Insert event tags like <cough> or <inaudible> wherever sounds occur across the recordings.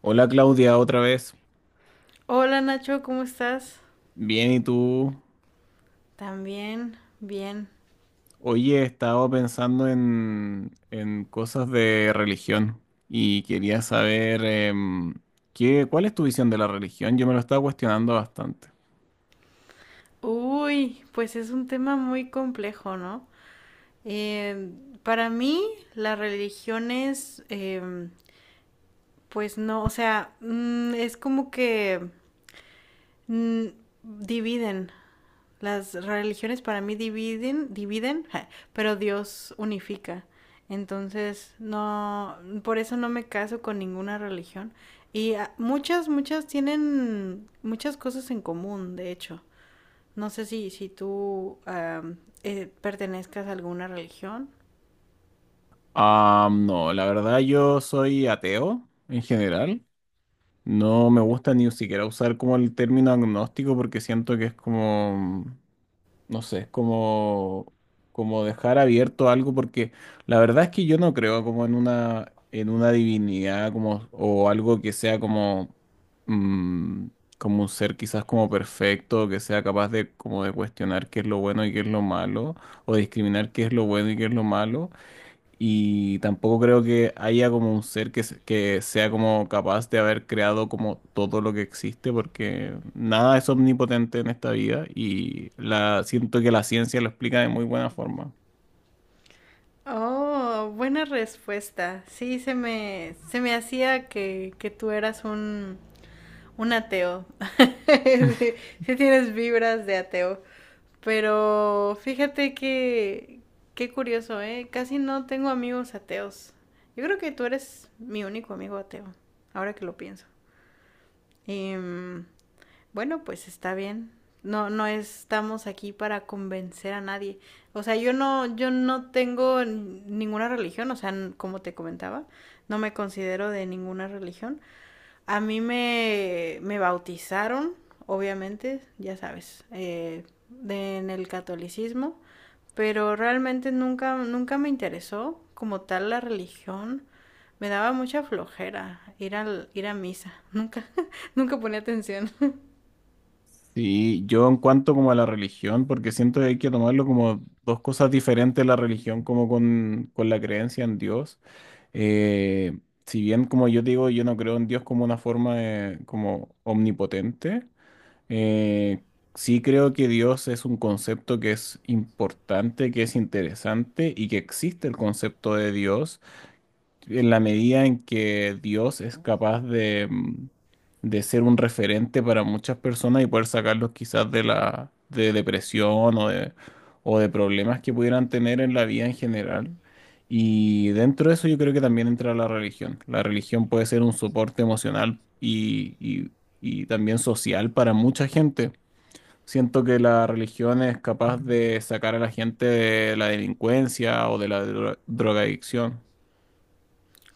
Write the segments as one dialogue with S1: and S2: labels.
S1: Hola Claudia, otra vez.
S2: Hola Nacho, ¿cómo estás?
S1: Bien, ¿y tú?
S2: También, bien.
S1: Oye, estaba pensando en cosas de religión y quería saber cuál es tu visión de la religión. Yo me lo estaba cuestionando bastante.
S2: Uy, pues es un tema muy complejo, ¿no? Eh, para mí, las religiones, pues no, o sea, es como que mm, dividen. Las religiones para mí dividen, dividen, <laughs> ja, pero Dios unifica. Entonces, no, por eso no me caso con ninguna religión. Y muchas, muchas tienen muchas cosas en común, de hecho. No sé si tú pertenezcas a alguna religión.
S1: Ah, no, la verdad yo soy ateo en general. No me gusta ni siquiera usar como el término agnóstico porque siento que es como no sé, como, como dejar abierto algo, porque la verdad es que yo no creo como en una divinidad como, o algo que sea como, mm, como un ser quizás como perfecto, que sea capaz de como de cuestionar qué es lo bueno y qué es lo malo, o discriminar qué es lo bueno y qué es lo malo. Y tampoco creo que haya como un ser que, que sea como capaz de haber creado como todo lo que existe, porque nada es omnipotente en esta vida y la, siento que la ciencia lo explica de muy buena forma.
S2: Oh, buena respuesta. Sí, se me hacía que tú eras un ateo. <laughs> Sí,
S1: <laughs>
S2: sí tienes vibras de ateo. Pero fíjate que, qué curioso, ¿eh? Casi no tengo amigos ateos. Yo creo que tú eres mi único amigo ateo, ahora que lo pienso. Y bueno, pues está bien. No, no estamos aquí para convencer a nadie. O sea, yo no tengo ninguna religión, o sea, como te comentaba, no me considero de ninguna religión. A mí me bautizaron, obviamente, ya sabes, en el catolicismo, pero realmente nunca, nunca me interesó como tal la religión. Me daba mucha flojera ir ir a misa. Nunca, <laughs> nunca ponía atención.
S1: Sí, yo en cuanto como a la religión, porque siento que hay que tomarlo como dos cosas diferentes, la religión como con la creencia en Dios. Eh, si bien como yo digo, yo no creo en Dios como una forma como omnipotente. Eh, sí creo que Dios es un concepto que es importante, que es interesante y que existe el concepto de Dios en la medida en que Dios es capaz de, de ser un referente para muchas personas y poder sacarlos quizás de la de depresión o de problemas que pudieran tener en la vida en general. Y dentro de eso yo creo que también entra la religión. La religión puede ser un soporte emocional y y también social para mucha gente. Siento que la religión es capaz de sacar a la gente de la delincuencia o de la drogadicción.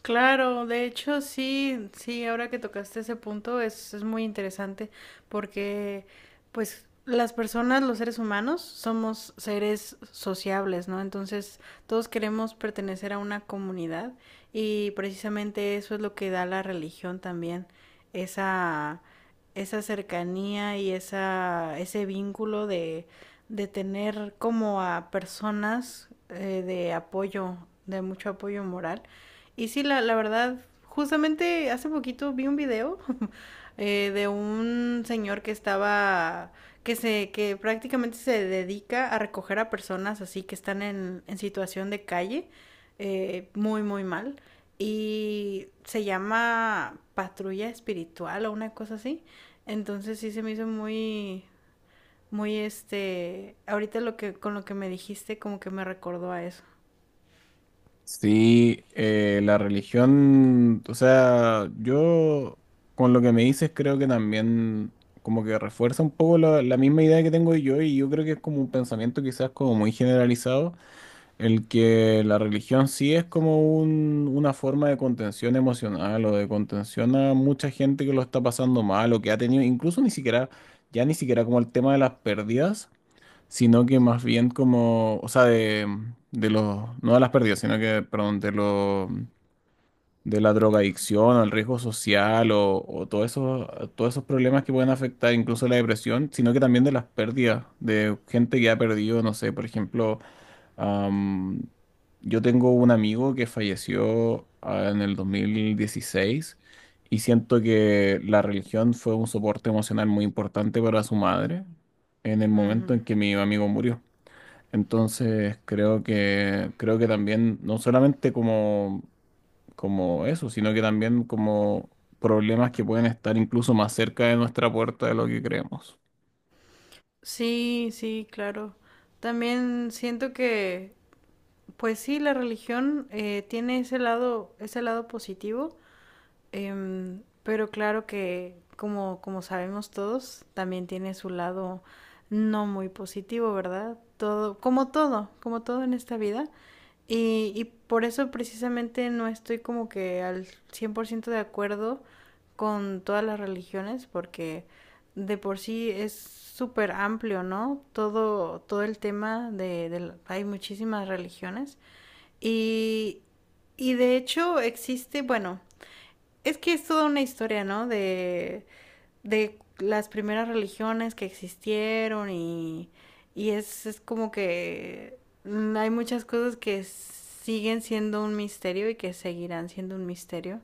S2: Claro, de hecho sí, sí, ahora que tocaste ese punto es muy interesante porque pues las personas, los seres humanos, somos seres sociables, ¿no? Entonces todos queremos pertenecer a una comunidad y precisamente eso es lo que da la religión también, esa, esa cercanía y esa, ese vínculo de tener como a personas de apoyo, de mucho apoyo moral y sí, la verdad, justamente hace poquito vi un video <laughs> de un señor que estaba, que prácticamente se dedica a recoger a personas así que están en situación de calle, muy, muy mal. Y se llama patrulla espiritual o una cosa así. Entonces sí se me hizo muy, muy este, ahorita con lo que me dijiste, como que me recordó a eso.
S1: Sí, la religión, o sea, yo con lo que me dices creo que también como que refuerza un poco la, la misma idea que tengo yo y yo creo que es como un pensamiento quizás como muy generalizado. El que la religión sí es como una forma de contención emocional o de contención a mucha gente que lo está pasando mal o que ha tenido, incluso ni siquiera, ya ni siquiera como el tema de las pérdidas, sino que más bien como, o sea, de los, no de las pérdidas, sino que, perdón, de los de la drogadicción o el riesgo social o todos esos problemas que pueden afectar incluso la depresión, sino que también de las pérdidas, de gente que ha perdido, no sé, por ejemplo, am, yo tengo un amigo que falleció en el 2016 y siento que la religión fue un soporte emocional muy importante para su madre en el momento
S2: Ujú.
S1: en que mi amigo murió. Entonces creo que también, no solamente como, como eso, sino que también como problemas que pueden estar incluso más cerca de nuestra puerta de lo que creemos.
S2: Sí, sí, claro. También siento que, pues sí, la religión tiene ese lado positivo, pero claro que, como, como sabemos todos, también tiene su lado no muy positivo, ¿verdad? Todo, como todo, como todo en esta vida. Y por eso precisamente no estoy como que al 100% de acuerdo con todas las religiones, porque de por sí es súper amplio, ¿no? Todo, todo el tema de hay muchísimas religiones. Y, y de hecho existe, bueno, es que es toda una historia, ¿no? De las primeras religiones que existieron y es como que hay muchas cosas que siguen siendo un misterio y que seguirán siendo un misterio,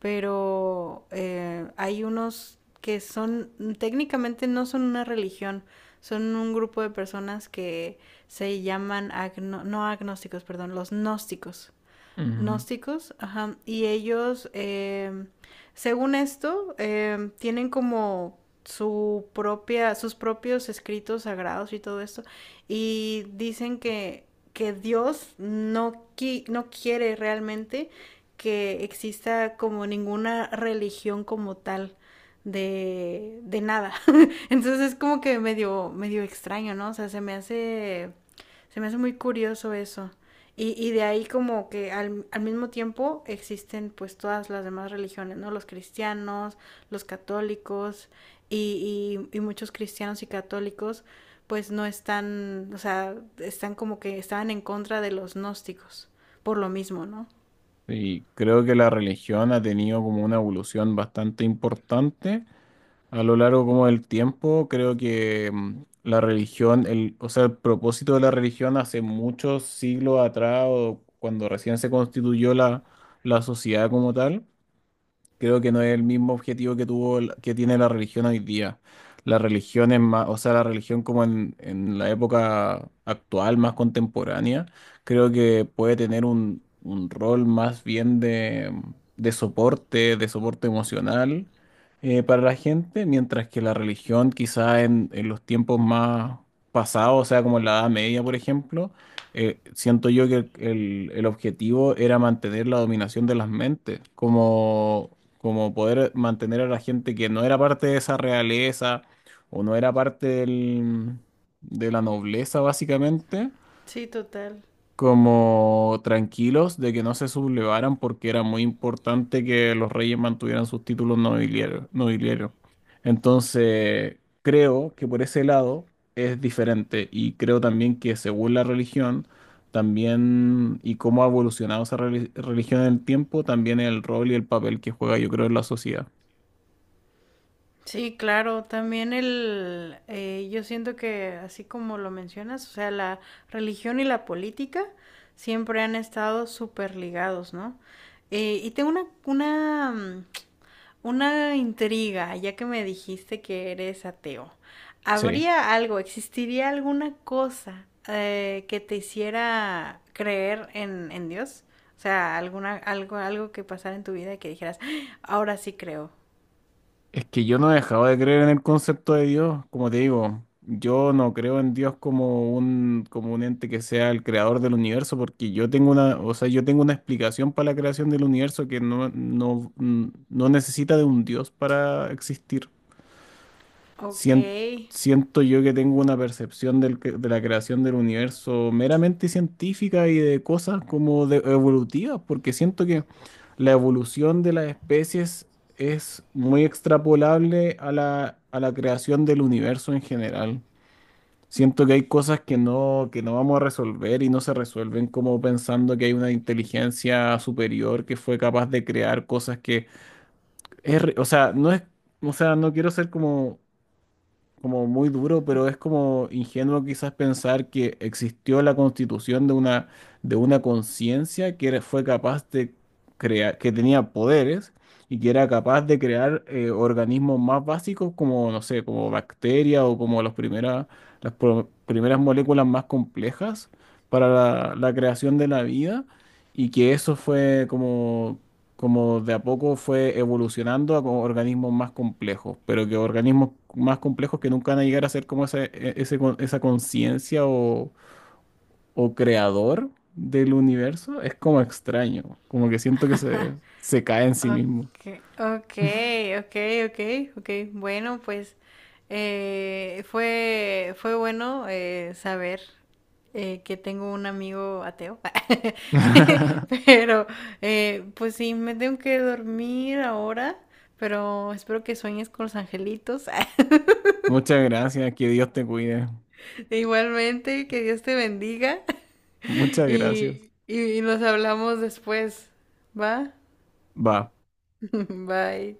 S2: pero hay unos que son técnicamente no son una religión, son un grupo de personas que se llaman agno no agnósticos, perdón, los gnósticos.
S1: Ujú.
S2: Gnósticos, ajá. Y ellos, según esto, tienen como su propia, sus propios escritos sagrados y todo esto. Y dicen que Dios no, qui- no quiere realmente que exista como ninguna religión como tal de nada. <laughs> Entonces es como que medio, medio extraño, ¿no? O sea, se me hace muy curioso eso. Y de ahí como que al mismo tiempo existen pues todas las demás religiones, ¿no? Los cristianos, los católicos y muchos cristianos y católicos pues no están, o sea, están como que estaban en contra de los gnósticos, por lo mismo, ¿no?
S1: Y creo que la religión ha tenido como una evolución bastante importante a lo largo como del tiempo. Creo que la religión, el, o sea, el propósito de la religión hace muchos siglos atrás o cuando recién se constituyó la, la sociedad como tal. Creo que no es el mismo objetivo que tuvo, que tiene la religión hoy día. La religión es más, o sea, la religión como en la época actual, más contemporánea, creo que puede tener un rol más bien de soporte emocional para la gente, mientras que la religión quizá en los tiempos más pasados, o sea, como en la Edad Media, por ejemplo, siento yo que el objetivo era mantener la dominación de las mentes, como, como poder mantener a la gente que no era parte de esa realeza o no era parte de la nobleza, básicamente,
S2: Sí, total.
S1: como tranquilos de que no se sublevaran porque era muy importante que los reyes mantuvieran sus títulos nobiliarios. Entonces, creo que por ese lado es diferente y creo también que según la religión, también y cómo ha evolucionado esa religión en el tiempo, también el rol y el papel que juega, yo creo, en la sociedad.
S2: Sí, claro, también el, yo siento que así como lo mencionas, o sea, la religión y la política siempre han estado súper ligados, ¿no? Y tengo una, una intriga, ya que me dijiste que eres ateo.
S1: Sí.
S2: ¿Habría algo, existiría alguna cosa que te hiciera creer en Dios? O sea, alguna, algo, algo que pasara en tu vida y que dijeras, "Ah, ahora sí creo".
S1: Es que yo no he dejado de creer en el concepto de Dios, como te digo, yo no creo en Dios como un ente que sea el creador del universo, porque yo tengo una, o sea, yo tengo una explicación para la creación del universo que no, no, no necesita de un Dios para existir.
S2: Ok.
S1: Sien- Siento yo que tengo una percepción del de la creación del universo meramente científica y de cosas como evolutivas, porque siento que la evolución de las especies es muy extrapolable a la creación del universo en general. Siento que hay cosas que no vamos a resolver y no se resuelven como pensando que hay una inteligencia superior que fue capaz de crear cosas que es o sea, no es, o sea, no quiero ser como como muy duro, pero es como ingenuo quizás pensar que existió la constitución de una conciencia que fue capaz de crear, que tenía poderes y que era capaz de crear organismos más básicos como, no sé, como bacterias o como los las primeras moléculas más complejas para la, la creación de la vida y que eso fue como como de a poco fue evolucionando a como organismos más complejos, pero que organismos más complejos que nunca van a llegar a ser como ese, ese esa conciencia o creador del universo, es como extraño, como que siento que se cae en sí mismo.
S2: Okay, okay, okay, okay, okay. Bueno, pues fue fue bueno saber que tengo un amigo ateo,
S1: <laughs>
S2: <laughs> pero pues sí, me tengo que dormir ahora, pero espero que sueñes con los angelitos. <laughs>
S1: Muchas gracias, que Dios te cuide.
S2: Igualmente, que Dios te bendiga. <laughs>
S1: Muchas gracias.
S2: Y, y nos hablamos después, ¿va?
S1: Va.
S2: <laughs> Bye.